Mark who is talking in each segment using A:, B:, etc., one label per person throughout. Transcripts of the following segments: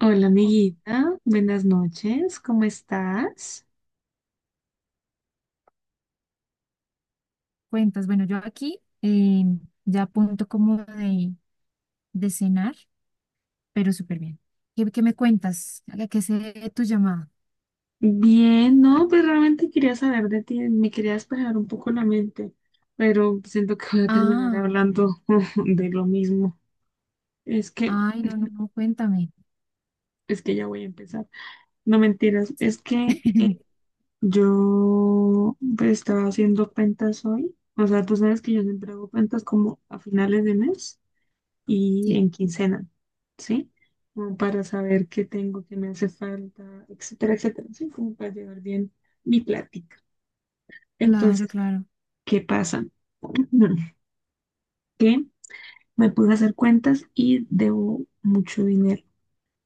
A: Hola
B: O
A: amiguita, buenas noches, ¿cómo estás?
B: Cuentas, bueno, yo aquí ya punto como de cenar, pero súper bien. ¿Qué me cuentas? ¿A qué sé tu llamada?
A: Bien, no, pues realmente quería saber de ti, me quería despejar un poco la mente, pero siento que voy a terminar
B: Ah,
A: hablando de lo mismo. Es que,
B: ay, no, cuéntame.
A: es que ya voy a empezar. No mentiras,
B: Sí,
A: es que yo pues, estaba haciendo cuentas hoy, o sea, tú sabes que yo siempre hago cuentas como a finales de mes. Y
B: sí,
A: en quincena, ¿sí? Como para saber qué tengo, qué me hace falta, etcétera, etcétera, ¿sí? Como para llevar bien mi plática.
B: claro,
A: Entonces,
B: claro.
A: ¿qué pasa? Que me puse a hacer cuentas y debo mucho dinero,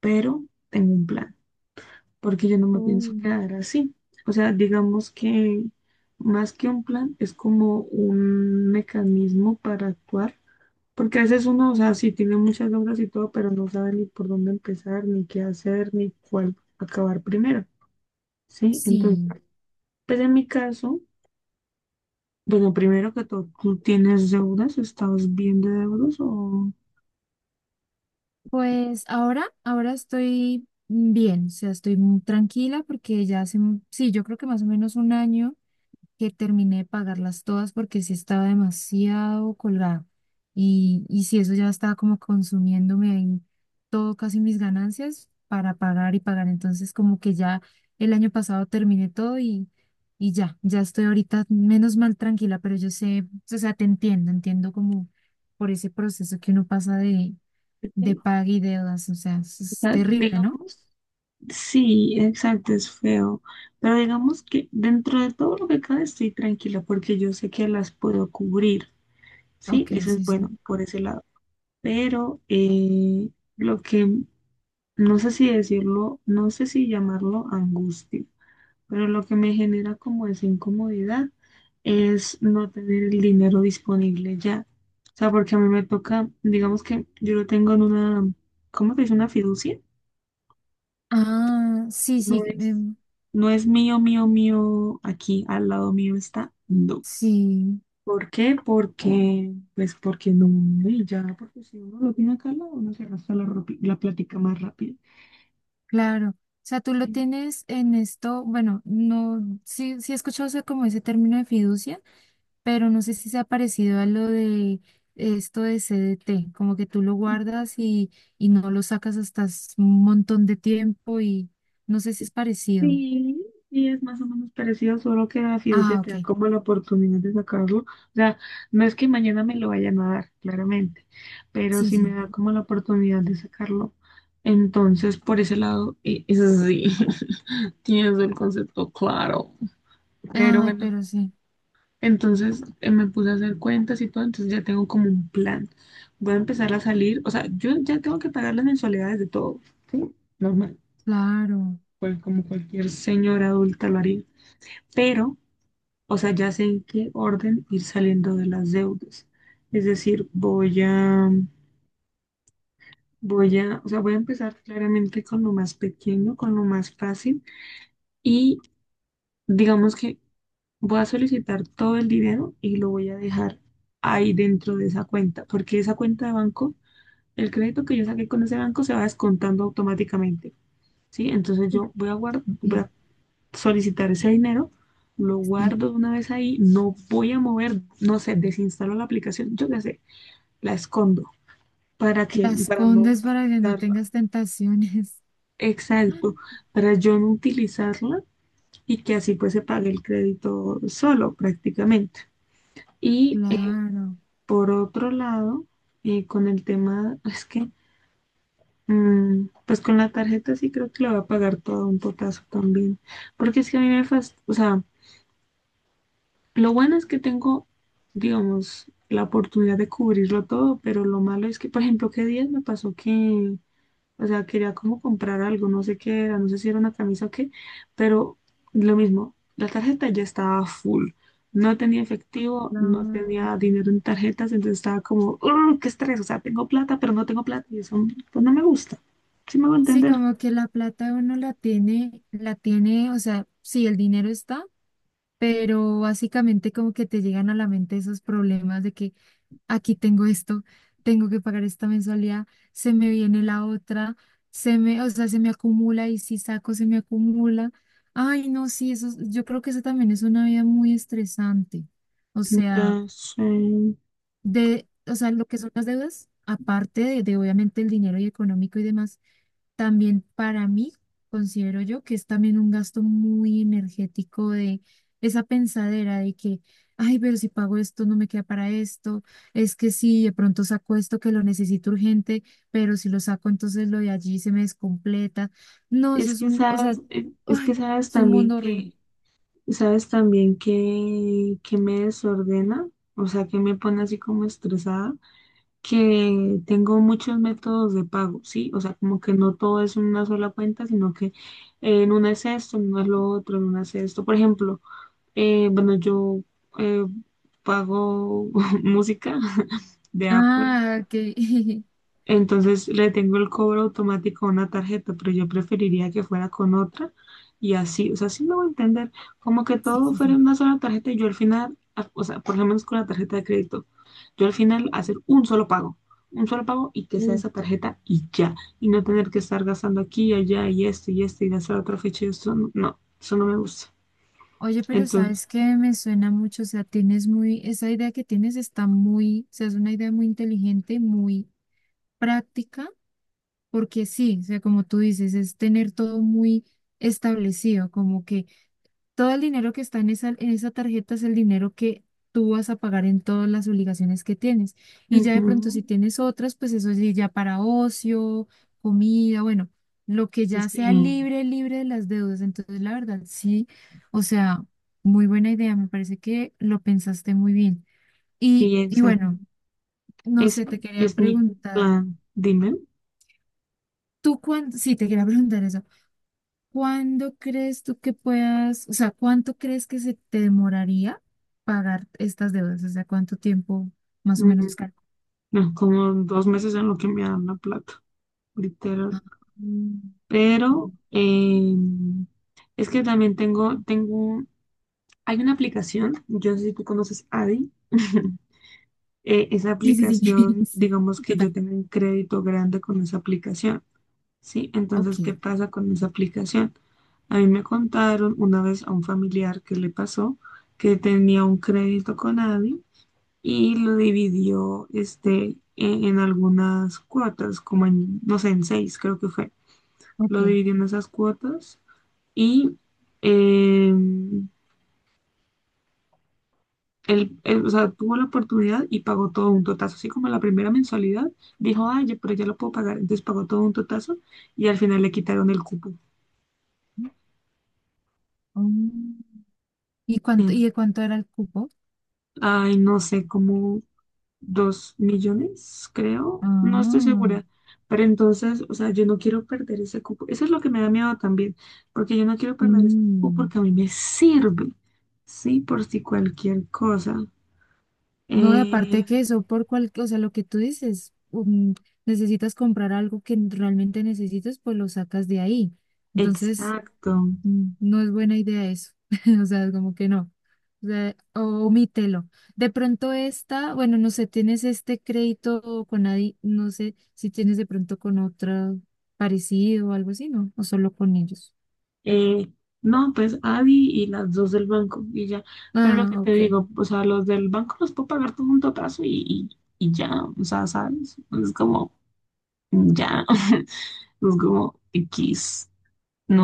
A: pero tengo un plan, porque yo no me pienso
B: Uh,
A: quedar así. O sea, digamos que más que un plan, es como un mecanismo para actuar, porque a veces uno, o sea, sí tiene muchas obras y todo, pero no sabe ni por dónde empezar, ni qué hacer, ni cuál acabar primero, ¿sí? Entonces,
B: sí,
A: pues en mi caso, bueno, primero que todo, ¿tú tienes deudas? ¿Estás bien de deudas o...?
B: pues ahora estoy bien, o sea, estoy muy tranquila porque ya hace, un- sí, yo creo que más o menos un año. Que terminé de pagarlas todas porque sí estaba demasiado colgado. Y si eso ya estaba como consumiéndome ahí todo, casi mis ganancias para pagar y pagar. Entonces como que ya el año pasado terminé todo, y ya, ya estoy ahorita menos mal tranquila, pero yo sé, o sea, te entiendo, entiendo como por ese proceso que uno pasa de
A: Sí.
B: paga y deudas. O sea, es,
A: O
B: es
A: sea,
B: terrible, ¿no?
A: digamos... Sí, exacto, es feo. Pero digamos que dentro de todo lo que cabe estoy tranquila porque yo sé que las puedo cubrir, ¿sí?
B: Ok,
A: Eso es
B: sí, sí.
A: bueno por ese lado. Pero lo que, no sé si decirlo, no sé si llamarlo angustia, pero lo que me genera como esa incomodidad es no tener el dinero disponible ya. O sea, porque a mí me toca, digamos que yo lo tengo en una, ¿cómo se dice? Una fiducia.
B: Ah, sí,
A: No
B: sí,
A: es, no es mío, mío, mío, aquí al lado mío está, no.
B: sí.
A: ¿Por qué? Porque, pues porque no, y ya, porque si uno lo tiene acá al lado, uno se arrastra la, ropi- la plática más rápido.
B: Claro, o sea, tú lo tienes en esto, bueno, no, sí, sí he escuchado, o sea, como ese término de fiducia, pero no sé si se ha parecido a lo de esto de CDT, como que tú lo guardas y no lo sacas hasta s- un montón de tiempo y no sé si es parecido.
A: Sí, y es más o menos parecido, solo que la fiducia
B: Ah,
A: te da
B: ok,
A: como la oportunidad de sacarlo. O sea, no es que mañana me lo vayan a dar, claramente, pero
B: sí,
A: si me
B: sí.
A: da como la oportunidad de sacarlo. Entonces, por ese lado, es así. Tienes el concepto claro. Pero
B: Ay,
A: bueno,
B: pero sí,
A: entonces me puse a hacer cuentas y todo, entonces ya tengo como un plan. Voy a empezar a salir, o sea, yo ya tengo que pagar las mensualidades de todo, ¿sí? Normal,
B: claro,
A: pues como cualquier señora adulta lo haría. Pero, o sea, ya sé en qué orden ir saliendo de las deudas. Es decir, voy a empezar claramente con lo más pequeño, con lo más fácil y digamos que voy a solicitar todo el dinero y lo voy a dejar ahí dentro de esa cuenta, porque esa cuenta de banco, el crédito que yo saqué con ese banco se va descontando automáticamente, ¿sí? Entonces yo voy a guar- voy
B: sí,
A: a solicitar ese dinero, lo
B: sí.
A: guardo de una vez ahí, no voy a mover, no sé, desinstalo la aplicación, yo qué sé, la escondo para que,
B: La
A: para no
B: escondes para que no
A: utilizarla.
B: tengas tentaciones.
A: Exacto, para yo no utilizarla y que así pues se pague el crédito solo prácticamente. Y
B: Claro,
A: por otro lado, con el tema, es que, pues con la tarjeta sí creo que le voy a pagar todo un potazo también, porque es que a mí me fast, o sea, lo bueno es que tengo, digamos, la oportunidad de cubrirlo todo, pero lo malo es que, por ejemplo, qué días me pasó que o sea, quería como comprar algo, no sé qué era, no sé si era una camisa o qué, pero lo mismo, la tarjeta ya estaba full. No tenía efectivo, no
B: claro.
A: tenía dinero en tarjetas, entonces estaba como, "Ugh, qué estrés, o sea, tengo plata, pero no tengo plata" y eso pues no me gusta. Sí me va a
B: Sí,
A: entender.
B: como que la plata uno la tiene, o sea, sí, el dinero está, pero básicamente como que te llegan a la mente esos problemas de que aquí tengo esto, tengo que pagar esta mensualidad, se me viene la otra, se me, o sea, se me acumula y si saco se me acumula. Ay, no, sí, eso, es- yo creo que eso también es una vida muy estresante. O sea,
A: Entonces,
B: de, o sea, lo que son las deudas, aparte de obviamente el dinero y económico y demás también para mí, considero yo que es también un gasto muy energético de esa pensadera de que, ay, pero si pago esto, no me queda para esto, es que si de pronto saco esto que lo necesito urgente, pero si lo saco, entonces lo de allí se me descompleta. No, eso es un, o sea,
A: es que
B: ay,
A: sabes
B: es un
A: también
B: mundo horrible.
A: que, sabes también que me desordena, o sea, que me pone así como estresada que tengo muchos métodos de pago, ¿sí? O sea, como que no todo es una sola cuenta, sino que en una es esto, en una es lo otro, en una es esto. Por ejemplo, bueno, yo eh, pago música de Apple,
B: Ah, que
A: entonces le tengo el cobro automático a una tarjeta, pero yo preferiría que fuera con otra y así, o sea, sí me voy a entender, como que
B: Sí,
A: todo
B: sí,
A: fuera
B: sí.
A: en una sola tarjeta y yo al final, a- o sea, por lo menos con la tarjeta de crédito, yo al final hacer un solo pago y que sea
B: Uf.
A: esa tarjeta y ya, y no tener que estar gastando aquí y allá y esto y esto y gastar otra fecha y esto, no, no, eso no me gusta.
B: Oye, pero
A: Entonces,
B: sabes que me suena mucho, o sea, tienes muy, esa idea que tienes está muy, o sea, es una idea muy inteligente, muy práctica, porque sí, o sea, como tú dices, es tener todo muy establecido, como que todo el dinero que está en esa tarjeta es el dinero que tú vas a pagar en todas las obligaciones que tienes. Y ya de
A: ujú,
B: pronto si tienes otras, pues eso sí, ya para ocio, comida, bueno, lo que ya sea
A: sí,
B: libre, libre de las deudas. Entonces, la verdad, sí, o sea, muy buena idea, me parece que lo pensaste muy bien. Y,
A: sí,
B: y
A: exacto,
B: bueno, no sé,
A: ese
B: te quería
A: es mi
B: preguntar.
A: plan, dime.
B: Tú cuándo, sí, te quería preguntar eso. ¿Cuándo crees tú que puedas, o sea, cuánto crees que se te demoraría pagar estas deudas? O sea, ¿cuánto tiempo más o
A: Mm,
B: menos calculas?
A: no, como 2 meses en lo que me dan la plata,
B: Ah,
A: literal.
B: mm,
A: Pero es que también tengo, hay una aplicación, yo no sé si tú conoces Adi. Esa
B: sí, sí, sí,
A: aplicación,
B: sí,
A: digamos que yo
B: total.
A: tengo un crédito grande con esa aplicación, ¿sí? Entonces,
B: Ok,
A: ¿qué pasa con esa aplicación? A mí me contaron una vez a un familiar que le pasó que tenía un crédito con Adi y lo dividió este, en algunas cuotas, como en, no sé, en 6 creo que fue.
B: ok.
A: Lo dividió en esas cuotas y eh, él, o sea, tuvo la oportunidad y pagó todo un totazo, así como la primera mensualidad, dijo, ay, ya- pero ya lo puedo pagar, entonces pagó todo un totazo y al final le quitaron el cupo.
B: Mm, ¿Y
A: Eh,
B: cuánto, y de cuánto era el cupo?
A: Ay, no sé cómo. 2 millones, creo, no estoy
B: Ah,
A: segura, pero entonces, o sea, yo no quiero perder ese cupo, eso es lo que me da miedo también, porque yo no quiero perder ese cupo
B: sí.
A: porque a mí me sirve, sí, por si cualquier cosa.
B: No, y
A: Eh,
B: aparte que eso, por cual, o sea, lo que tú dices, necesitas comprar algo que realmente necesites, pues lo sacas de ahí. Entonces,
A: exacto.
B: mm, no es buena idea eso. O sea, es como que no. O sea, o- omítelo. De pronto esta, bueno, no sé, tienes este crédito con nadie, no sé si tienes de pronto con otra parecido o algo así, ¿no? O solo con ellos.
A: Eh, no, pues Adi y las dos del banco y ya, pero lo que
B: Ah,
A: te
B: ok.
A: digo, o sea, los del banco los puedo pagar todo junto a plazo y ya, o sea, ¿sabes? Es como, ya, es como X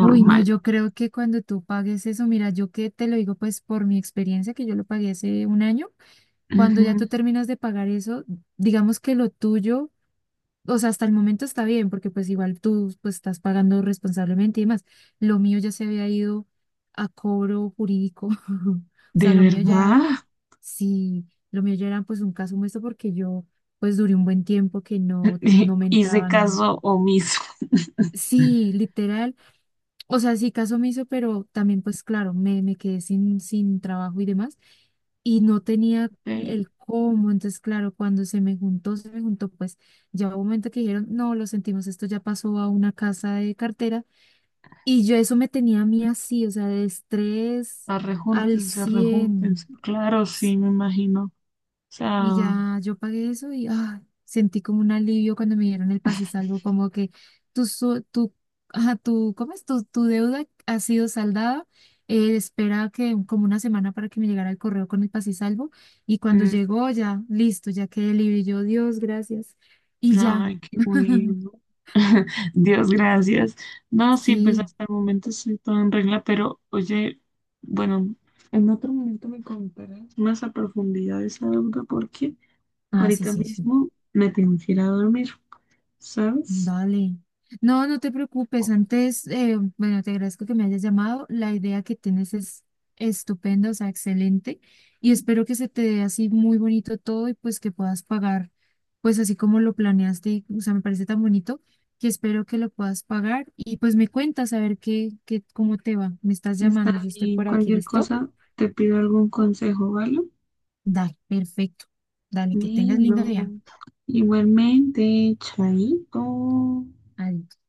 B: Uy, no, yo creo que cuando tú pagues eso, mira, yo que te lo digo pues por mi experiencia, que yo lo pagué hace un año, cuando ya
A: Ujú.
B: tú terminas de pagar eso, digamos que lo tuyo, o sea, hasta el momento está bien, porque pues igual tú pues estás pagando responsablemente y demás. Lo mío ya se había ido a cobro jurídico. O sea,
A: ¿De
B: lo mío
A: verdad?
B: ya, sí, lo mío ya era pues un caso muerto porque yo pues duré un buen tiempo que no, no me
A: Hice
B: entraba nada.
A: caso omiso.
B: Sí, literal, o sea, sí, caso me hizo, pero también, pues claro, me quedé sin trabajo y demás. Y no tenía
A: Ok,
B: el cómo. Entonces, claro, cuando se me juntó, pues ya hubo un momento que dijeron, no, lo sentimos, esto ya pasó a una casa de cartera. Y yo eso me tenía a mí así, o sea, de estrés al
A: arrejúntense,
B: 100.
A: arrejúntense. Claro, sí, me imagino. O sea,
B: Y ya yo pagué eso y ah, sentí como un alivio cuando me dieron el pase y salvo, como que tu, su- tu, ajá, tu, ¿cómo es? Tu deuda ha sido saldada. Eh, espera que como una semana para que me llegara el correo con el pase y salvo. Y cuando
A: mm,
B: llegó ya, listo, ya quedé libre. Y yo, Dios, gracias. Y ya,
A: ay, qué bueno. Dios, gracias. No, sí, pues
B: sí.
A: hasta el momento estoy todo en regla, pero oye, bueno, en otro momento me contarás más a profundidad esa duda porque
B: Ah, sí,
A: ahorita
B: sí, sí.
A: mismo me tengo que ir a dormir, ¿sabes?
B: Dale. No, no te preocupes. Antes, bueno, te agradezco que me hayas llamado. La idea que tienes es estupenda, o sea, excelente. Y espero que se te dé así muy bonito todo y pues que puedas pagar, pues así como lo planeaste. O sea, me parece tan bonito que espero que lo puedas pagar. Y pues me cuentas a ver qué, cómo te va. Me estás
A: Está
B: llamando, yo estoy
A: bien,
B: por aquí,
A: cualquier
B: ¿listo?
A: cosa, te pido algún consejo, ¿vale?
B: Dale, perfecto. Dale, que tengas lindo día.
A: Bueno, igualmente, chaito.
B: Adiós.